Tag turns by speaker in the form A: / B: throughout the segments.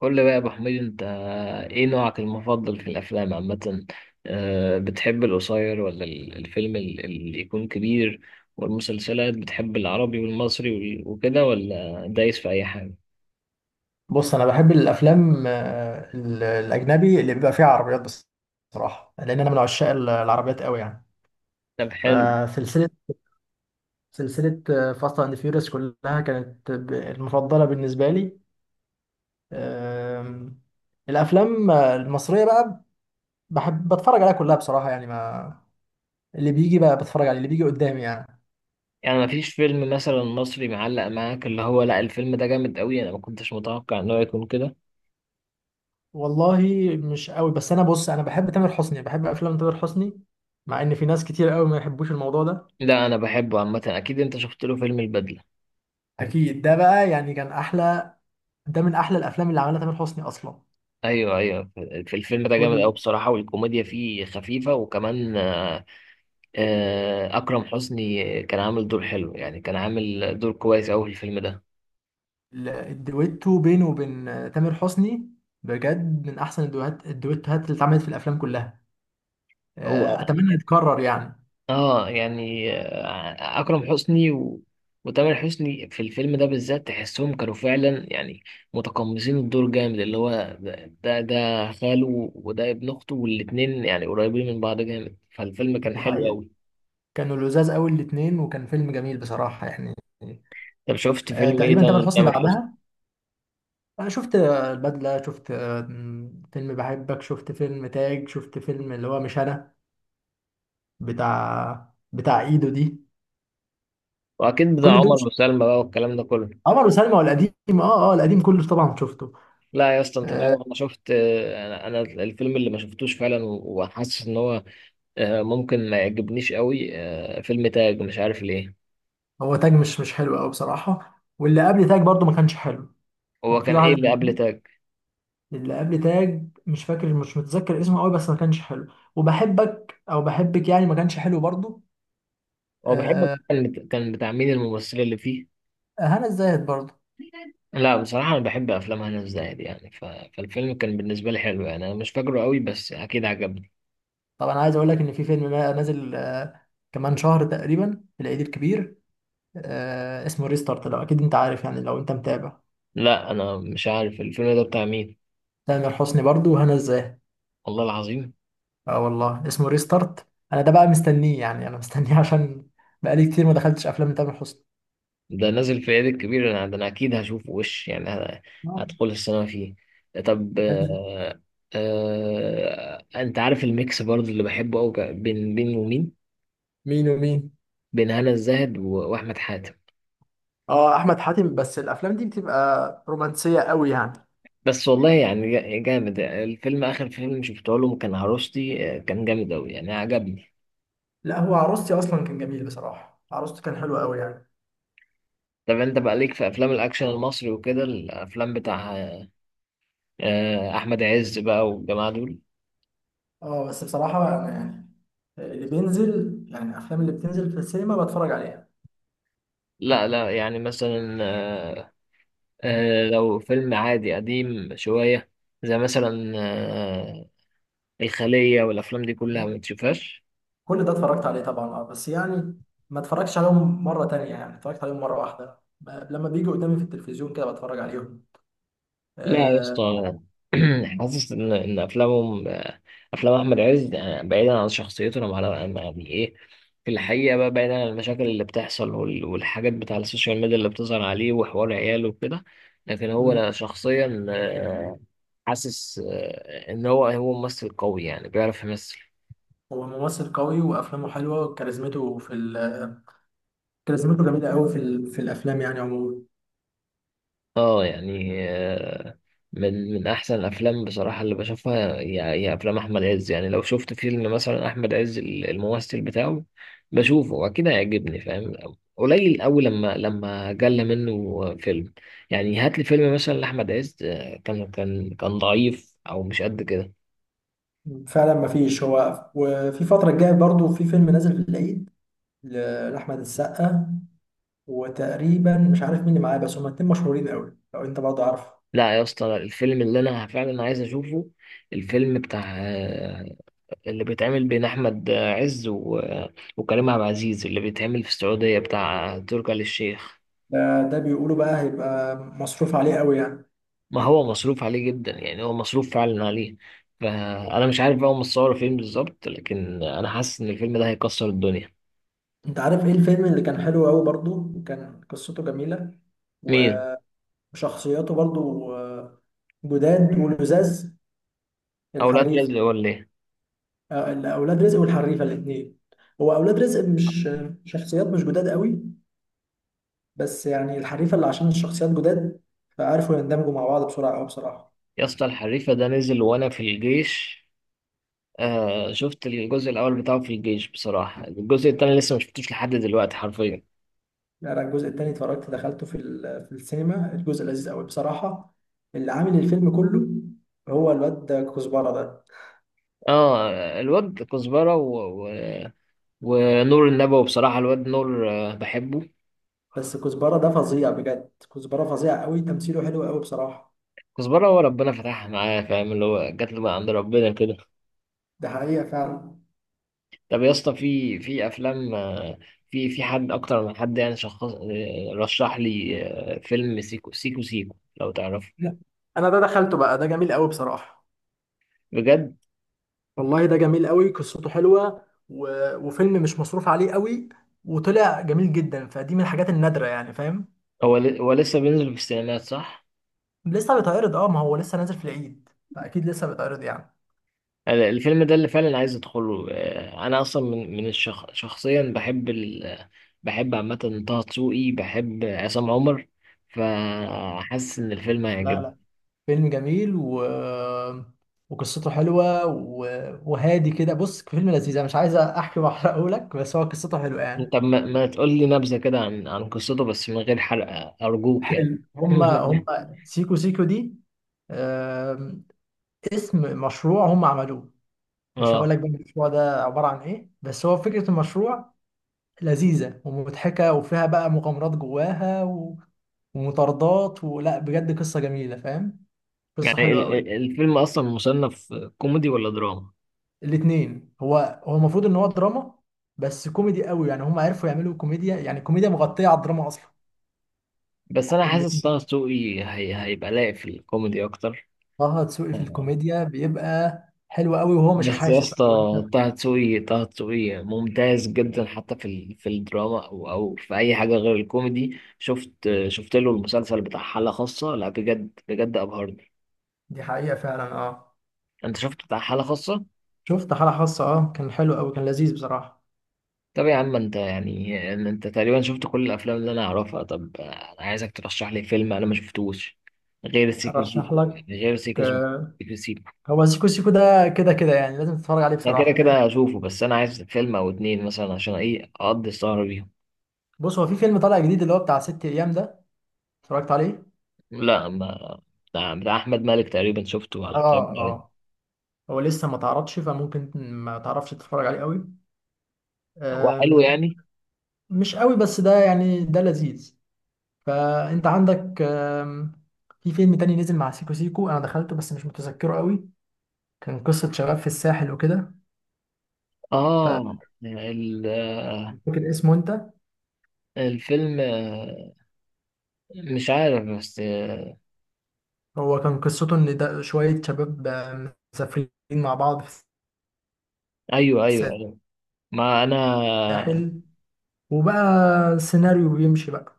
A: قول لي بقى يا ابو حميد، انت ايه نوعك المفضل في الافلام عامه؟ بتحب القصير ولا الفيلم اللي يكون كبير؟ والمسلسلات بتحب العربي والمصري وكده ولا دايس في اي حاجه؟
B: بص، انا بحب الافلام الاجنبي اللي بيبقى فيها عربيات بس. بصراحه، لان انا من عشاق العربيات قوي يعني.
A: طب، حلو.
B: فسلسله سلسله فاست اند فيوريوس كلها كانت المفضله بالنسبه لي. آم، الافلام المصريه بقى بحب بتفرج عليها كلها بصراحه يعني. ما اللي بيجي بقى بتفرج عليه، اللي بيجي قدامي يعني.
A: يعني مفيش فيلم مثلا مصري معلق معاك اللي هو لا، الفيلم ده جامد قوي، انا ما كنتش متوقع انه يكون كده؟
B: والله مش قوي، بس انا بص، انا بحب تامر حسني، بحب افلام تامر حسني مع ان في ناس كتير قوي ما يحبوش الموضوع ده.
A: لا انا بحبه عامه، اكيد انت شفت له فيلم البدله؟
B: اكيد ده بقى يعني كان احلى، ده من احلى الافلام اللي عملها تامر حسني اصلا.
A: ايوه، ايوه. في الفيلم ده جامد قوي بصراحه، والكوميديا فيه خفيفه، وكمان أكرم حسني كان عامل دور حلو، يعني كان عامل دور كويس أوي في الفيلم ده.
B: والدويتو بينه وبين تامر حسني بجد من احسن الدويتوهات اللي اتعملت في الافلام كلها.
A: هو
B: اتمنى يتكرر يعني.
A: اه يعني أكرم حسني وتامر حسني في الفيلم ده بالذات تحسهم كانوا فعلا يعني متقمصين الدور جامد، اللي هو ده خاله، وده ابن أخته، والاتنين يعني قريبين من بعض جامد، فالفيلم كان
B: دي
A: حلو
B: حقيقة،
A: أوي.
B: كانوا لذاذ قوي الاتنين وكان فيلم جميل بصراحة يعني.
A: طب شفت فيلم إيه
B: تقريبا تامر
A: تاني
B: حسني
A: لتامر حسني؟
B: بعدها شفت البدلة شفت آه، فيلم بحبك، شفت فيلم تاج، شفت فيلم اللي هو مش انا، بتاع ايدو دي.
A: وأكيد بتاع
B: كل دول
A: عمر وسلمى بقى والكلام ده كله.
B: عمر وسلمى والقديم. اه اه، القديم كله طبعا شفته.
A: لا يا اسطى، انت
B: آه،
A: تعرف انا شفت، انا الفيلم اللي ما شفتوش فعلا وحاسس ان هو ممكن ما يعجبنيش قوي، فيلم تاج مش عارف ليه.
B: هو تاج مش حلو قوي بصراحة، واللي قبل تاج برضو ما كانش حلو.
A: هو
B: كان في
A: كان ايه اللي
B: واحد
A: قبل تاج؟
B: اللي قبل تاج مش فاكر، مش متذكر اسمه قوي، بس ما كانش حلو. وبحبك او بحبك يعني ما كانش حلو برضو.
A: هو بحب،
B: آه،
A: كان بتاع مين الممثله اللي فيه؟
B: هنا الزاهد برضو.
A: لا بصراحه انا بحب افلام هنا الزاهد، يعني فالفيلم كان بالنسبه لي حلو، يعني انا مش فاكره قوي بس اكيد عجبني.
B: طب انا عايز اقول لك ان في فيلم نازل كمان شهر تقريبا في العيد الكبير. اسمه ريستارت، لو اكيد انت عارف يعني لو انت متابع.
A: لا انا مش عارف الفيلم ده بتاع مين.
B: تامر حسني برضو وهنا الزاهد.
A: والله العظيم؟
B: اه والله اسمه ريستارت. انا ده بقى مستنيه يعني، انا مستنيه عشان بقالي كتير ما دخلتش افلام تامر حسني.
A: ده نازل في العيد الكبير، انا ده انا اكيد هشوفه وش يعني هدخل السينما فيه. طب انت عارف الميكس برضه اللي بحبه قوي، بين ومين،
B: مين ومين؟
A: بين هنا الزاهد واحمد حاتم.
B: اه احمد حاتم، بس الافلام دي بتبقى رومانسيه قوي يعني.
A: بس والله يعني جامد الفيلم، اخر فيلم شفته لهم كان عروستي، كان جامد قوي يعني عجبني.
B: لا، هو عروستي اصلا كان جميل بصراحه، عروسته كان حلو قوي يعني.
A: طب انت بقى ليك في افلام الاكشن المصري وكده، الافلام بتاع احمد عز بقى والجماعه دول؟
B: اه، بس بصراحه انا يعني اللي بينزل يعني الافلام اللي بتنزل في السينما بتفرج عليها.
A: لا، لا يعني مثلا لو فيلم عادي قديم شوية زي مثلا الخلية والأفلام دي كلها ما تشوفهاش؟
B: كل ده اتفرجت عليه طبعا، اه، بس يعني ما اتفرجتش عليهم مره تانية يعني اتفرجت عليهم مره واحده، لما بيجوا قدامي في التلفزيون كده بتفرج عليهم.
A: لا يا
B: آه.
A: اسطى. حاسس إن أفلامهم، أفلام أحمد عز بعيدا عن شخصيته، وعلى يعني إيه، في الحقيقة بقى، بعيدا عن المشاكل اللي بتحصل والحاجات بتاع السوشيال ميديا اللي بتظهر عليه، وحوار عياله وكده، لكن هو
B: مم.
A: أنا شخصيا حاسس إن هو ممثل قوي، يعني بيعرف يمثل.
B: هو ممثل قوي وافلامه حلوه وكاريزمته كاريزمته جميله قوي في الافلام يعني عموما.
A: اه يعني من احسن الافلام بصراحه اللي بشوفها هي افلام احمد عز، يعني لو شفت فيلم مثلا احمد عز الممثل بتاعه بشوفه، واكيد هيعجبني، فاهم؟ قليل قوي لما جل منه فيلم، يعني هات لي فيلم مثلا لاحمد عز كان ضعيف او مش قد كده.
B: فعلا ما فيش، هو وفي فترة الجاية برضو في فيلم نازل في العيد لأحمد السقا، وتقريبا مش عارف مين اللي معاه، بس هما اتنين مشهورين قوي لو انت برضو عارف.
A: لا يا اسطى، الفيلم اللي انا فعلا عايز اشوفه، الفيلم بتاع اللي بيتعمل بين احمد عز وكريم عبد العزيز، اللي بيتعمل في السعوديه بتاع تركي آل الشيخ.
B: ده، بيقولوا بقى هيبقى مصروف عليه قوي يعني.
A: ما هو مصروف عليه جدا، يعني هو مصروف فعلا عليه. فانا مش عارف بقى هم مصوروا فين بالظبط، لكن انا حاسس ان الفيلم ده هيكسر الدنيا.
B: انت عارف ايه الفيلم اللي كان حلو قوي برضو وكان قصته جميلة
A: مين؟
B: وشخصياته برضو جداد ولزاز؟
A: اولاد
B: الحريف.
A: رزق ولا ايه؟
B: اولاد رزق والحريفة الاتنين. هو اولاد رزق مش شخصيات مش جداد قوي، بس يعني الحريفة اللي عشان الشخصيات جداد فعرفوا يندمجوا مع بعض بسرعة أوي بصراحة.
A: يا اسطى الحريفه ده نزل وانا في الجيش، آه شفت الجزء الاول بتاعه في الجيش، بصراحه الجزء التاني لسه ما شفتوش لحد دلوقتي حرفيا.
B: يعني أنا الجزء التاني اتفرجت، دخلته في السينما. الجزء لذيذ أوي بصراحة. اللي عامل الفيلم كله هو الواد ده، كزبرة ده.
A: اه، الواد كزبره ونور النبوي، بصراحة الواد نور بحبه.
B: بس كزبرة ده فظيع بجد، كزبرة فظيع أوي، تمثيله حلو أوي بصراحة.
A: كزبرة هو ربنا فتحها معاه، فاهم، اللي هو جات له بقى عند ربنا كده.
B: ده حقيقة فعلا.
A: طب يا اسطى، في أفلام، في حد أكتر من حد، يعني شخص رشح لي فيلم سيكو سيكو سيكو، لو تعرفه؟
B: لا انا ده دخلته بقى، ده جميل قوي بصراحه.
A: بجد.
B: والله ده جميل قوي، قصته حلوه و... وفيلم مش مصروف عليه قوي وطلع جميل جدا، فدي من الحاجات النادره يعني فاهم.
A: هو لسه بينزل في السينمات صح؟
B: لسه بيتعرض اه، ما هو لسه نازل في العيد فاكيد لسه بيتعرض يعني.
A: الفيلم ده اللي فعلا عايز أدخله، أنا أصلا من شخصيا بحب بحب عامة طه دسوقي، بحب عصام عمر، فحاسس إن الفيلم
B: لا
A: هيعجبني.
B: لا، فيلم جميل و... وقصته حلوه و... وهادي كده. بص، فيلم لذيذ، انا مش عايز احكي واحرقه لك، بس هو قصته حلوه يعني.
A: طب ما تقول لي نبذة كده عن قصته، بس من غير حرق أرجوك يعني.
B: حلو. هما هما سيكو سيكو دي آم، اسم مشروع هما عملوه. مش هقول
A: اه
B: لك بقى المشروع ده عباره عن ايه، بس هو فكره المشروع لذيذه ومضحكه وفيها بقى مغامرات جواها و... ومطاردات ولا بجد، قصه جميله فاهم. قصه
A: يعني،
B: حلوه قوي.
A: الفيلم أصلا مصنف كوميدي ولا دراما؟
B: الاثنين. هو المفروض ان هو دراما، بس كوميدي قوي يعني، هم عرفوا يعملوا كوميديا يعني كوميديا مغطيه على الدراما اصلا.
A: بس أنا
B: اللي
A: حاسس طه دسوقي هي هيبقى لايق في الكوميدي أكتر.
B: طه دسوقي في
A: آه.
B: الكوميديا بيبقى حلو قوي، وهو مش
A: بس يا
B: حاسس
A: اسطى
B: او انت؟
A: طه دسوقي ممتاز جدا، حتى في في الدراما أو في أي حاجة غير الكوميدي. شفت، شفت له المسلسل بتاع حالة خاصة، لا بجد بجد أبهرني.
B: دي حقيقة فعلا اه.
A: أنت شفت بتاع حالة خاصة؟
B: شفت حالة خاصة، اه، كان حلو قوي كان لذيذ بصراحة.
A: طب يا عم انت، يعني انت تقريبا شفت كل الافلام اللي انا اعرفها. طب انا عايزك ترشح لي فيلم انا ما شفتوش غير سيكو
B: ارشح
A: سيكو،
B: لك
A: يعني غير سيكو سيكو.
B: آه،
A: سيكو سيكو.
B: هو سيكو سيكو ده كده كده يعني لازم تتفرج عليه
A: انا كده
B: بصراحة لان.
A: كده هشوفه، بس انا عايز فيلم او اتنين مثلا عشان ايه اقضي السهرة بيهم.
B: بص هو في فيلم طالع جديد اللي هو بتاع ست ايام ده، اتفرجت عليه.
A: لا ما بتاع احمد مالك تقريبا شفته على الكلام
B: اه
A: ده.
B: اه، هو لسه ما تعرضش فممكن ما تعرفش تتفرج عليه قوي.
A: هو حلو
B: ده
A: يعني؟
B: مش قوي، بس ده يعني ده لذيذ. فانت عندك في فيلم تاني نزل مع سيكو سيكو انا دخلته، بس مش متذكره قوي. كان قصة شباب في الساحل وكده.
A: اه
B: فاكر اسمه انت؟
A: الفيلم مش عارف بس
B: هو كان قصته ان ده شوية شباب مسافرين مع بعض في
A: ايوه، ايوه، ايوه. ما انا،
B: الساحل، وبقى سيناريو بيمشي بقى.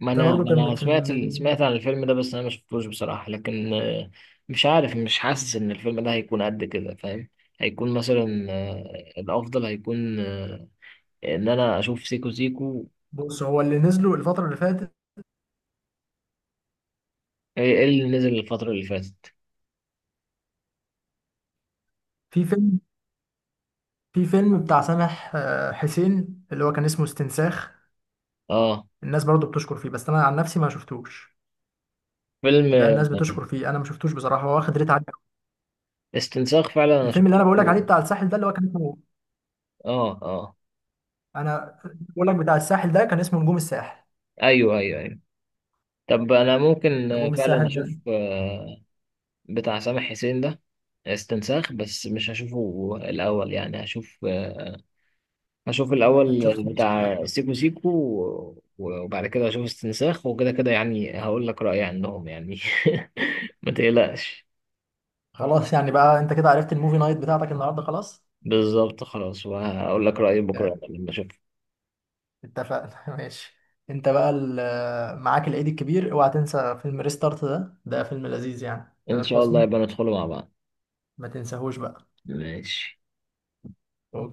A: ما
B: ده
A: انا
B: برضو
A: ما
B: كان من
A: انا
B: فيلم
A: سمعت سمعت عن الفيلم ده، بس انا ما شفتوش بصراحة، لكن مش عارف، مش حاسس ان الفيلم ده هيكون قد كده فاهم. هيكون مثلا الافضل هيكون ان انا اشوف سيكو سيكو.
B: بص هو اللي نزله الفترة اللي فاتت.
A: إيه اللي نزل الفترة اللي فاتت؟
B: في فيلم في فيلم بتاع سامح حسين اللي هو كان اسمه استنساخ.
A: اه
B: الناس برضو بتشكر فيه، بس انا عن نفسي ما شفتوش.
A: فيلم
B: ده الناس بتشكر فيه، انا ما شفتوش بصراحه، هو واخد ريت عالي أوي.
A: استنساخ فعلا انا
B: الفيلم اللي انا
A: شفته.
B: بقول لك عليه بتاع الساحل ده اللي هو كان اسمه،
A: اه، اه.
B: انا بقول لك بتاع الساحل ده كان اسمه نجوم الساحل.
A: ايوه، ايوه، ايوه. طب انا ممكن
B: نجوم
A: فعلا
B: الساحل ده.
A: اشوف بتاع سامح حسين ده، استنساخ، بس مش هشوفه الاول، يعني هشوف، هشوف
B: هتشوف.
A: الأول بتاع سيكو سيكو وبعد كده هشوف استنساخ، وكده كده يعني هقول لك رأيي عنهم يعني. ما تقلقش.
B: خلاص يعني، بقى انت كده عرفت الموفي نايت بتاعتك النهارده، خلاص.
A: بالظبط، خلاص، وهقول لك رأيي
B: yeah.
A: بكرة لما أشوف.
B: اتفقنا ماشي. انت بقى معاك العيد الكبير، اوعى تنسى فيلم ريستارت ده فيلم لذيذ يعني
A: إن
B: تامر
A: شاء الله
B: حسني.
A: يبقى ندخله مع بعض.
B: ما تنساهوش بقى.
A: ماشي.